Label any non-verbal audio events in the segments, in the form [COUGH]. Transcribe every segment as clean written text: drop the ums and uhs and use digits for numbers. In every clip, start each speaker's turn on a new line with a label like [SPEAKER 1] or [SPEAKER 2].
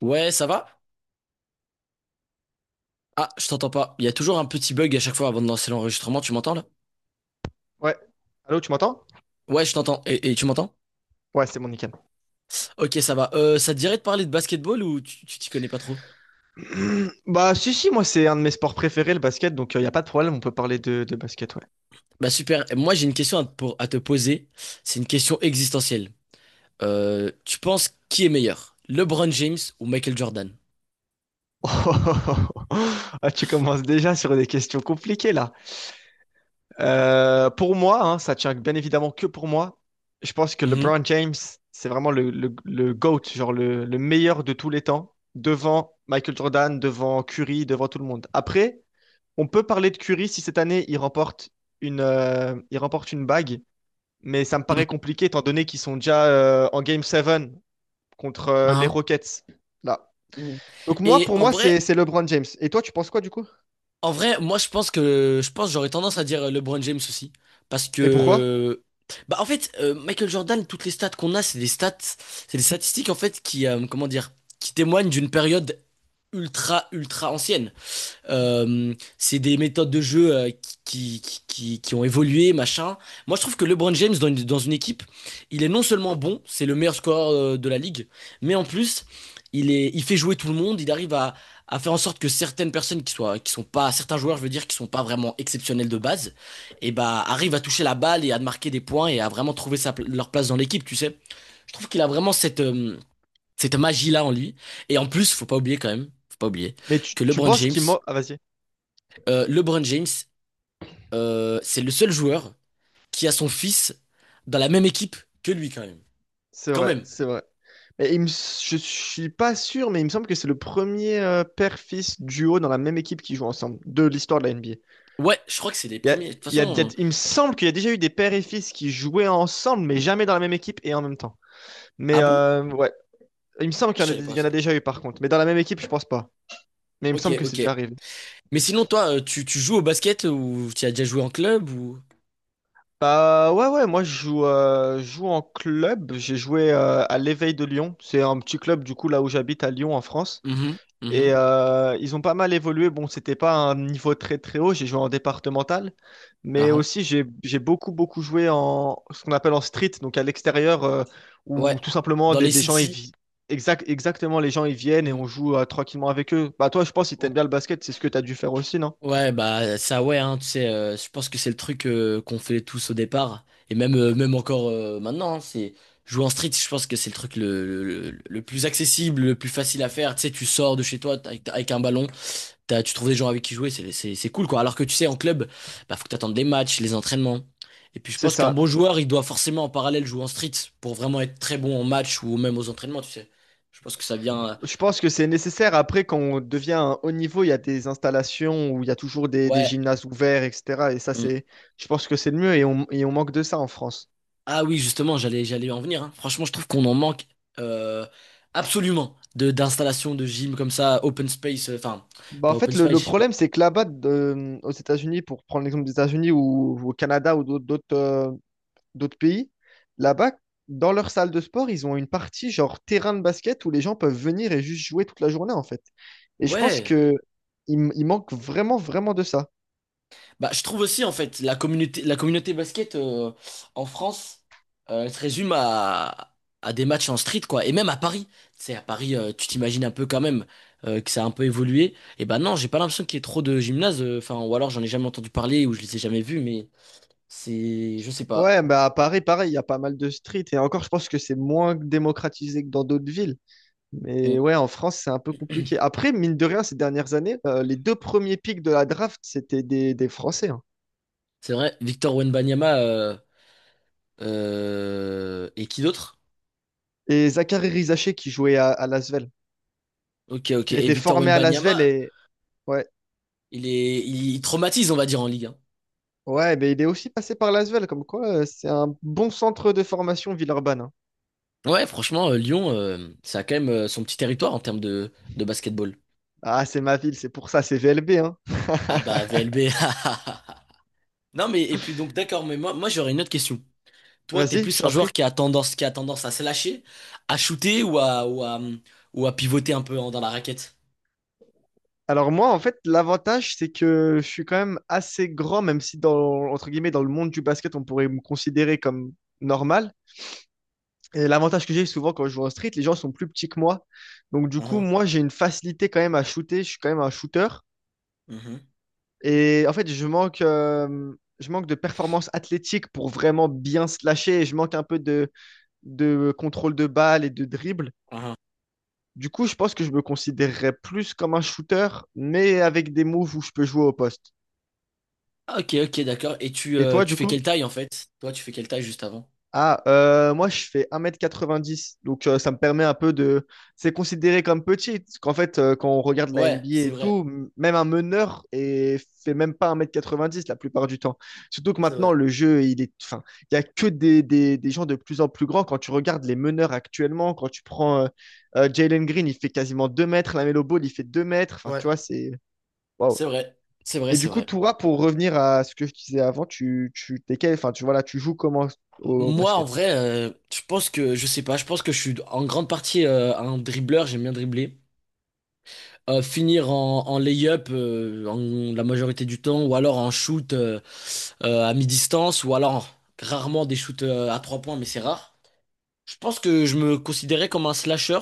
[SPEAKER 1] Ouais, ça va? Ah, je t'entends pas. Il y a toujours un petit bug à chaque fois avant de lancer l'enregistrement. Tu m'entends là?
[SPEAKER 2] Ouais. Allô, tu m'entends?
[SPEAKER 1] Ouais, je t'entends. Et tu m'entends?
[SPEAKER 2] Ouais, c'est bon, nickel.
[SPEAKER 1] Ok, ça va. Ça te dirait de parler de basketball ou tu t'y connais pas trop?
[SPEAKER 2] [CLEARS THROAT] Bah, si, si, moi, c'est un de mes sports préférés, le basket, donc il n'y a pas de problème, on peut parler de basket, ouais.
[SPEAKER 1] Bah super. Moi, j'ai une question à te, à te poser. C'est une question existentielle. Tu penses qui est meilleur? LeBron James ou Michael Jordan?
[SPEAKER 2] [LAUGHS] Ah, tu commences déjà sur des questions compliquées, là. Pour moi, hein, ça tient bien évidemment que pour moi. Je pense que
[SPEAKER 1] Mhm.
[SPEAKER 2] LeBron James, c'est vraiment le GOAT, genre le meilleur de tous les temps, devant Michael Jordan, devant Curry, devant tout le monde. Après, on peut parler de Curry si cette année, il remporte il remporte une bague, mais ça me paraît compliqué étant donné qu'ils sont déjà en Game 7 contre les
[SPEAKER 1] Mhm.
[SPEAKER 2] Rockets. Là.
[SPEAKER 1] Mhm.
[SPEAKER 2] Donc moi,
[SPEAKER 1] Et
[SPEAKER 2] pour
[SPEAKER 1] en
[SPEAKER 2] moi,
[SPEAKER 1] vrai,
[SPEAKER 2] c'est LeBron James. Et toi, tu penses quoi du coup?
[SPEAKER 1] En vrai, moi je pense que j'aurais tendance à dire LeBron James aussi parce
[SPEAKER 2] Et pourquoi?
[SPEAKER 1] que bah en fait Michael Jordan, toutes les stats qu'on a c'est des stats, c'est des statistiques en fait qui comment dire, qui témoignent d'une période ultra ultra ancienne. C'est des méthodes de jeu qui ont évolué, machin. Moi, je trouve que LeBron James, dans une équipe, il est non seulement bon, c'est le meilleur scoreur de la ligue, mais en plus, il fait jouer tout le monde, il arrive à faire en sorte que certaines personnes qui soient, qui sont pas, certains joueurs, je veux dire, qui sont pas vraiment exceptionnels de base, et bah, arrivent à toucher la balle et à marquer des points et à vraiment trouver leur place dans l'équipe, tu sais. Je trouve qu'il a vraiment cette, cette magie-là en lui. Et en plus, faut pas oublier
[SPEAKER 2] Mais tu,
[SPEAKER 1] que
[SPEAKER 2] tu
[SPEAKER 1] LeBron
[SPEAKER 2] penses
[SPEAKER 1] James,
[SPEAKER 2] qu'il m'a... Ah, vas-y.
[SPEAKER 1] euh, LeBron James, c'est le seul joueur qui a son fils dans la même équipe que lui, quand même.
[SPEAKER 2] C'est
[SPEAKER 1] Quand
[SPEAKER 2] vrai,
[SPEAKER 1] même.
[SPEAKER 2] c'est vrai. Mais il me... je suis pas sûr, mais il me semble que c'est le premier père-fils duo dans la même équipe qui joue ensemble de l'histoire de la NBA.
[SPEAKER 1] Ouais, je crois que c'est les
[SPEAKER 2] Il, y a-
[SPEAKER 1] premiers. De toute
[SPEAKER 2] il y a- il y a-
[SPEAKER 1] façon,
[SPEAKER 2] Il me semble qu'il y a déjà eu des pères et fils qui jouaient ensemble, mais jamais dans la même équipe et en même temps. Mais
[SPEAKER 1] ah bon?
[SPEAKER 2] ouais, il me semble
[SPEAKER 1] Je
[SPEAKER 2] qu'il y en a,
[SPEAKER 1] savais
[SPEAKER 2] il
[SPEAKER 1] pas
[SPEAKER 2] y en a
[SPEAKER 1] ça.
[SPEAKER 2] déjà eu par contre. Mais dans la même équipe, je pense pas. Mais il me
[SPEAKER 1] Ok,
[SPEAKER 2] semble que c'est
[SPEAKER 1] ok.
[SPEAKER 2] déjà arrivé.
[SPEAKER 1] Mais sinon, toi, tu joues au basket ou tu as déjà joué en club ou...
[SPEAKER 2] Bah ouais, ouais, moi je joue en club. J'ai joué à l'Éveil de Lyon. C'est un petit club du coup là où j'habite à Lyon en France.
[SPEAKER 1] Mhm,
[SPEAKER 2] Et
[SPEAKER 1] mhm.
[SPEAKER 2] ils ont pas mal évolué. Bon, c'était pas un niveau très très haut. J'ai joué en départemental, mais
[SPEAKER 1] Ah, ah.
[SPEAKER 2] aussi j'ai beaucoup beaucoup joué en ce qu'on appelle en street, donc à l'extérieur, euh,
[SPEAKER 1] Ouais,
[SPEAKER 2] où tout simplement
[SPEAKER 1] dans
[SPEAKER 2] des,
[SPEAKER 1] les
[SPEAKER 2] des gens ils
[SPEAKER 1] cities.
[SPEAKER 2] vi- exact exactement les gens ils viennent et
[SPEAKER 1] Mhm.
[SPEAKER 2] on joue tranquillement avec eux. Bah toi, je pense si t'aimes bien le basket, c'est ce que t'as dû faire aussi, non?
[SPEAKER 1] Ouais, bah ça ouais, hein, tu sais, je pense que c'est le truc qu'on fait tous au départ, et même, même encore maintenant, hein, c'est jouer en street, je pense que c'est le truc le plus accessible, le plus facile à faire, tu sais, tu sors de chez toi avec, avec un ballon, tu trouves des gens avec qui jouer, c'est cool quoi, alors que tu sais, en club, bah faut que t'attendes les matchs, les entraînements, et puis je
[SPEAKER 2] C'est
[SPEAKER 1] pense qu'un
[SPEAKER 2] ça.
[SPEAKER 1] bon joueur, il doit forcément en parallèle jouer en street, pour vraiment être très bon en match ou même aux entraînements, tu sais, je pense que ça vient,
[SPEAKER 2] Je pense que c'est nécessaire. Après, quand on devient un haut niveau, il y a des installations où il y a toujours des
[SPEAKER 1] ouais.
[SPEAKER 2] gymnases ouverts, etc. Et ça,
[SPEAKER 1] mm.
[SPEAKER 2] je pense que c'est le mieux et et on manque de ça en France.
[SPEAKER 1] Ah oui, justement, j'allais en venir. Hein. Franchement, je trouve qu'on en manque euh, absolument de d'installations de gym comme ça, open space, enfin
[SPEAKER 2] Bah, en
[SPEAKER 1] pas open
[SPEAKER 2] fait, le,
[SPEAKER 1] space,
[SPEAKER 2] le
[SPEAKER 1] je sais pas.
[SPEAKER 2] problème, c'est que là-bas, aux États-Unis, pour prendre l'exemple des États-Unis ou au Canada ou d'autres pays, là-bas, dans leur salle de sport, ils ont une partie genre terrain de basket où les gens peuvent venir et juste jouer toute la journée, en fait. Et je pense
[SPEAKER 1] Ouais.
[SPEAKER 2] que il, m- il manque vraiment, vraiment de ça.
[SPEAKER 1] Bah, je trouve aussi en fait la communauté basket en France, elle se résume à des matchs en street quoi, et même à Paris. Tu sais, à Paris, tu t'imagines un peu quand même que ça a un peu évolué. Et ben non, j'ai pas l'impression qu'il y ait trop de gymnases, enfin ou alors j'en ai jamais entendu parler ou je les ai jamais vus, mais c'est je sais pas.
[SPEAKER 2] Ouais, bah à Paris, pareil, il y a pas mal de streets. Et encore, je pense que c'est moins démocratisé que dans d'autres villes. Mais ouais, en France, c'est un peu compliqué. Après, mine de rien, ces dernières années, les deux premiers pics de la draft, c'était des Français, hein.
[SPEAKER 1] C'est vrai, Victor Wembanyama et qui d'autre?
[SPEAKER 2] Et Zachary Rizaché qui jouait à Lasvel,
[SPEAKER 1] Ok, ok.
[SPEAKER 2] qui a
[SPEAKER 1] Et
[SPEAKER 2] été
[SPEAKER 1] Victor
[SPEAKER 2] formé à Lasvel.
[SPEAKER 1] Wembanyama,
[SPEAKER 2] Et ouais,
[SPEAKER 1] il, traumatise, on va dire, en Ligue 1.
[SPEAKER 2] ouais, mais il est aussi passé par Lasvel, comme quoi c'est un bon centre de formation Villeurbanne, hein.
[SPEAKER 1] Ouais, franchement, Lyon, ça a quand même son petit territoire en termes de basketball.
[SPEAKER 2] Ah, c'est ma ville, c'est pour ça, c'est VLB, hein.
[SPEAKER 1] Ah bah,
[SPEAKER 2] [LAUGHS]
[SPEAKER 1] VLB. [LAUGHS] Non, mais et puis donc, d'accord, mais moi j'aurais une autre question. Toi, t'es
[SPEAKER 2] Vas-y, je
[SPEAKER 1] plus un
[SPEAKER 2] t'en
[SPEAKER 1] joueur
[SPEAKER 2] prie.
[SPEAKER 1] qui a tendance à se lâcher, à shooter ou à pivoter un peu dans la raquette?
[SPEAKER 2] Alors moi, en fait, l'avantage, c'est que je suis quand même assez grand, même si dans, entre guillemets, dans le monde du basket, on pourrait me considérer comme normal. Et l'avantage que j'ai souvent quand je joue en street, les gens sont plus petits que moi. Donc du coup,
[SPEAKER 1] Uhum,
[SPEAKER 2] moi, j'ai une facilité quand même à shooter. Je suis quand même un shooter.
[SPEAKER 1] uhum,
[SPEAKER 2] Et en fait, je manque de performance athlétique pour vraiment bien slasher. Et je manque un peu de contrôle de balle et de dribble.
[SPEAKER 1] uhum.
[SPEAKER 2] Du coup, je pense que je me considérerais plus comme un shooter, mais avec des moves où je peux jouer au poste.
[SPEAKER 1] Ah, ok, ok, d'accord. Et
[SPEAKER 2] Et toi,
[SPEAKER 1] tu
[SPEAKER 2] du
[SPEAKER 1] fais
[SPEAKER 2] coup?
[SPEAKER 1] quelle taille en fait? Toi, tu fais quelle taille juste avant?
[SPEAKER 2] Moi je fais 1,90 m donc ça me permet un peu de... C'est considéré comme petit, parce qu'en fait quand on regarde la
[SPEAKER 1] Ouais,
[SPEAKER 2] NBA
[SPEAKER 1] c'est
[SPEAKER 2] et
[SPEAKER 1] vrai,
[SPEAKER 2] tout, même un meneur et fait même pas 1,90 m la plupart du temps. Surtout que
[SPEAKER 1] c'est vrai.
[SPEAKER 2] maintenant le jeu, il est... Enfin, il y a que des gens de plus en plus grands. Quand tu regardes les meneurs actuellement, quand tu prends Jalen Green, il fait quasiment 2 m, Lamelo Ball, il fait 2 m, enfin tu
[SPEAKER 1] Ouais,
[SPEAKER 2] vois, c'est...
[SPEAKER 1] c'est
[SPEAKER 2] Waouh.
[SPEAKER 1] vrai, c'est vrai,
[SPEAKER 2] Et
[SPEAKER 1] c'est
[SPEAKER 2] du coup,
[SPEAKER 1] vrai.
[SPEAKER 2] Toura, pour revenir à ce que je disais avant, tu, t'es quel- enfin, tu, voilà, tu joues comment au
[SPEAKER 1] Moi, en
[SPEAKER 2] basket?
[SPEAKER 1] vrai, je pense que, je sais pas, je pense que je suis en grande partie un dribbleur, j'aime bien dribbler. Finir en, en lay-up la majorité du temps, ou alors en shoot à mi-distance, ou alors rarement des shoots à trois points, mais c'est rare. Je pense que je me considérais comme un slasher,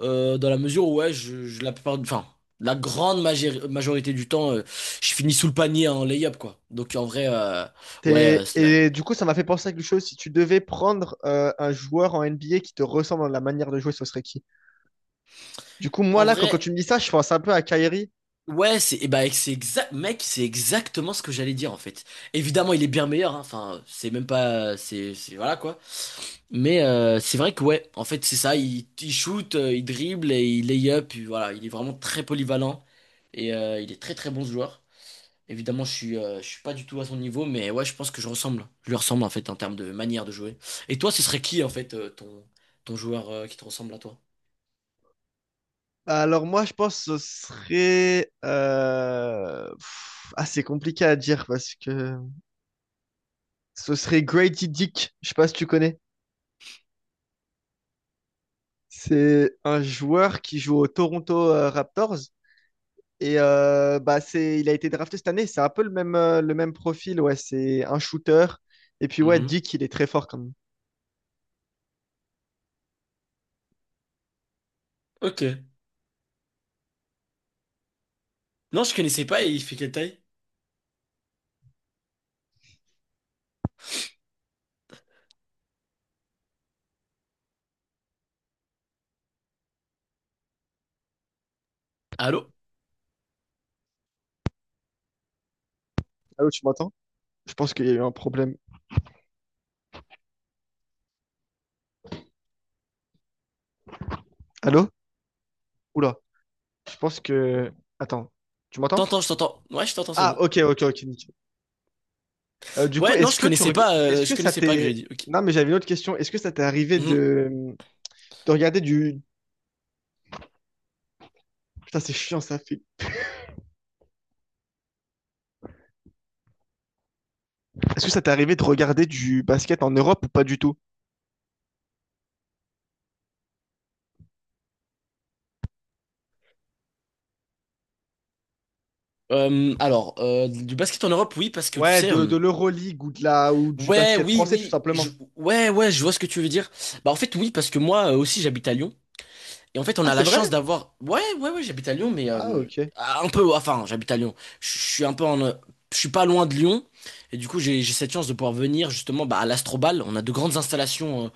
[SPEAKER 1] dans la mesure où, ouais, la plupart, enfin, la grande majorité du temps, je finis sous le panier en lay-up, quoi. Donc, en vrai, ouais,
[SPEAKER 2] Et du coup, ça m'a fait penser à quelque chose. Si tu devais prendre un joueur en NBA qui te ressemble dans la manière de jouer, ce serait qui? Du coup, moi,
[SPEAKER 1] en
[SPEAKER 2] là,
[SPEAKER 1] vrai,
[SPEAKER 2] quand tu me dis ça, je pense un peu à Kyrie.
[SPEAKER 1] ouais, c'est, eh ben, c'est exact, mec, c'est exactement ce que j'allais dire, en fait. Évidemment, il est bien meilleur, hein. Enfin, c'est même pas, voilà, quoi. Mais, c'est vrai que, ouais, en fait, c'est ça, il shoot, il dribble et il lay-up, et voilà, il est vraiment très polyvalent et il est très, très bon ce joueur. Évidemment, je suis pas du tout à son niveau, mais ouais, je pense que je ressemble. Je lui ressemble en fait en termes de manière de jouer. Et toi, ce serait qui en fait ton joueur qui te ressemble à toi?
[SPEAKER 2] Alors, moi, je pense que ce serait... pff, ah, c'est compliqué à dire parce que ce serait Grady Dick. Je sais pas si tu connais. C'est un joueur qui joue aux Toronto Raptors. Et bah, c'est... il a été drafté cette année. C'est un peu le même profil. Ouais, c'est un shooter. Et puis, ouais,
[SPEAKER 1] Mhm.
[SPEAKER 2] Dick, il est très fort quand même.
[SPEAKER 1] Ok. Non, je connaissais pas et il fait quelle taille? Allô?
[SPEAKER 2] Allô, tu m'entends? Je pense qu'il y a eu un problème. Allô? Oula. Je pense que. Attends. Tu m'entends?
[SPEAKER 1] T'entends, je t'entends. Ouais, je t'entends, c'est
[SPEAKER 2] Ah,
[SPEAKER 1] bon.
[SPEAKER 2] ok, ok, ok, nickel. Du coup,
[SPEAKER 1] Ouais, non,
[SPEAKER 2] est-ce
[SPEAKER 1] je
[SPEAKER 2] que tu
[SPEAKER 1] connaissais
[SPEAKER 2] reg-
[SPEAKER 1] pas,
[SPEAKER 2] est-ce que ça t'est.
[SPEAKER 1] Grady. Ok.
[SPEAKER 2] Non, mais j'avais une autre question. Est-ce que ça t'est arrivé
[SPEAKER 1] Mhm.
[SPEAKER 2] de regarder du. Putain, c'est chiant, ça fait. Est-ce que ça t'est arrivé de regarder du basket en Europe ou pas du tout?
[SPEAKER 1] Alors, du basket en Europe, oui, parce que tu
[SPEAKER 2] Ouais,
[SPEAKER 1] sais.
[SPEAKER 2] de l'Euroleague ou de la ou du
[SPEAKER 1] Ouais,
[SPEAKER 2] basket
[SPEAKER 1] oui,
[SPEAKER 2] français, tout
[SPEAKER 1] oui. je-
[SPEAKER 2] simplement.
[SPEAKER 1] Ouais, ouais, je vois ce que tu veux dire. Bah, en fait, oui, parce que moi aussi, j'habite à Lyon. Et en fait, on
[SPEAKER 2] Ah,
[SPEAKER 1] a
[SPEAKER 2] c'est
[SPEAKER 1] la
[SPEAKER 2] vrai?
[SPEAKER 1] chance d'avoir. Ouais, ouais, ouais, j'habite à Lyon, mais
[SPEAKER 2] Ah, ok.
[SPEAKER 1] un peu. Enfin, j'habite à Lyon. Je suis un peu en. Je suis pas loin de Lyon. Et du coup, j'ai cette chance de pouvoir venir justement bah, à l'Astrobal. On a de grandes installations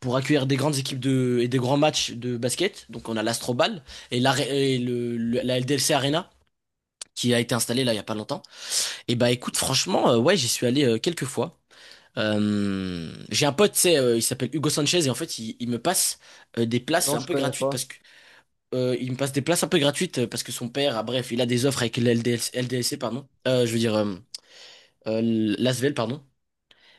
[SPEAKER 1] pour accueillir des grandes équipes de, et des grands matchs de basket. Donc, on a l'Astrobal et la LDLC Arena qui a été installée là il y a pas longtemps. Et bah, écoute, franchement, ouais, j'y suis allé quelques fois. J'ai un pote, tu sais, il s'appelle Hugo Sanchez et en fait, il me passe des places
[SPEAKER 2] Non,
[SPEAKER 1] un
[SPEAKER 2] je
[SPEAKER 1] peu
[SPEAKER 2] connais
[SPEAKER 1] gratuites parce
[SPEAKER 2] pas.
[SPEAKER 1] que il me passe des places un peu gratuites parce que son père, ah, bref, il a des offres avec l'LDS, LDLC, pardon. Je veux dire, euh, l'Asvel, pardon.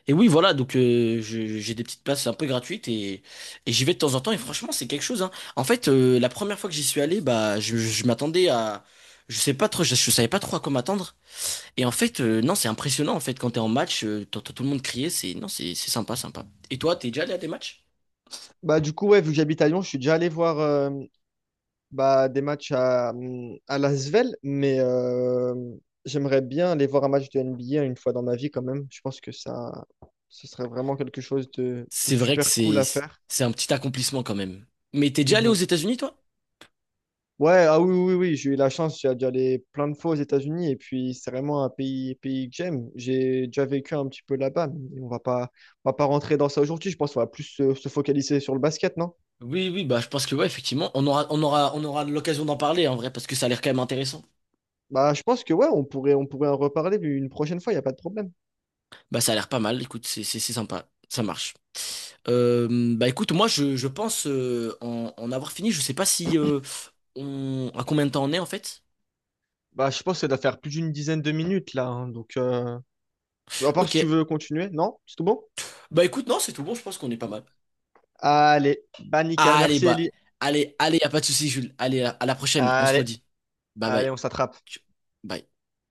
[SPEAKER 1] Et oui, voilà, donc je- j'ai des petites places un peu gratuites et j'y vais de temps en temps et franchement, c'est quelque chose, hein. En fait, la première fois que j'y suis allé, bah, je m'attendais à. Je sais pas trop, je savais pas trop à quoi m'attendre. Et en fait, non, c'est impressionnant, en fait, quand t'es en match, t'entends tout le monde crier, c'est. Non, c'est sympa, sympa. Et toi, t'es déjà allé à des matchs?
[SPEAKER 2] Bah, du coup, ouais, vu que j'habite à Lyon, je suis déjà allé voir, bah, des matchs à Lasvel, mais j'aimerais bien aller voir un match de NBA une fois dans ma vie quand même. Je pense que ça, ce serait vraiment quelque chose de
[SPEAKER 1] C'est vrai que
[SPEAKER 2] super cool à faire.
[SPEAKER 1] c'est un petit accomplissement quand même. Mais t'es déjà allé aux
[SPEAKER 2] Mhm.
[SPEAKER 1] États-Unis, toi?
[SPEAKER 2] Ouais, ah oui, oui, oui, j'ai eu la chance d'y aller plein de fois aux États-Unis et puis c'est vraiment un pays, pays que j'aime. J'ai déjà vécu un petit peu là-bas, mais on va pas rentrer dans ça aujourd'hui. Je pense qu'on va plus se focaliser sur le basket, non?
[SPEAKER 1] Oui, oui, bah je pense que ouais, effectivement, on aura l'occasion d'en parler en vrai, parce que ça a l'air quand même intéressant.
[SPEAKER 2] Bah, je pense que ouais, on pourrait en reparler une prochaine fois, il n'y a pas de problème.
[SPEAKER 1] Bah ça a l'air pas mal, écoute, c'est sympa, ça marche. Euh, bah écoute, moi je pense en avoir fini, je sais pas si on à combien de temps on est en fait.
[SPEAKER 2] Bah, je pense que ça doit faire plus d'une dizaine de minutes là, hein, donc, à part si
[SPEAKER 1] Ok.
[SPEAKER 2] tu veux continuer, non? C'est tout bon?
[SPEAKER 1] Bah écoute, non, c'est tout bon, je pense qu'on est pas mal.
[SPEAKER 2] Allez, bah nickel,
[SPEAKER 1] Allez,
[SPEAKER 2] merci
[SPEAKER 1] bah,
[SPEAKER 2] Ellie.
[SPEAKER 1] allez, y a pas de souci, Jules. Allez, à la prochaine, on se
[SPEAKER 2] Allez,
[SPEAKER 1] redit. Bye
[SPEAKER 2] allez,
[SPEAKER 1] bye.
[SPEAKER 2] on s'attrape.
[SPEAKER 1] Bye.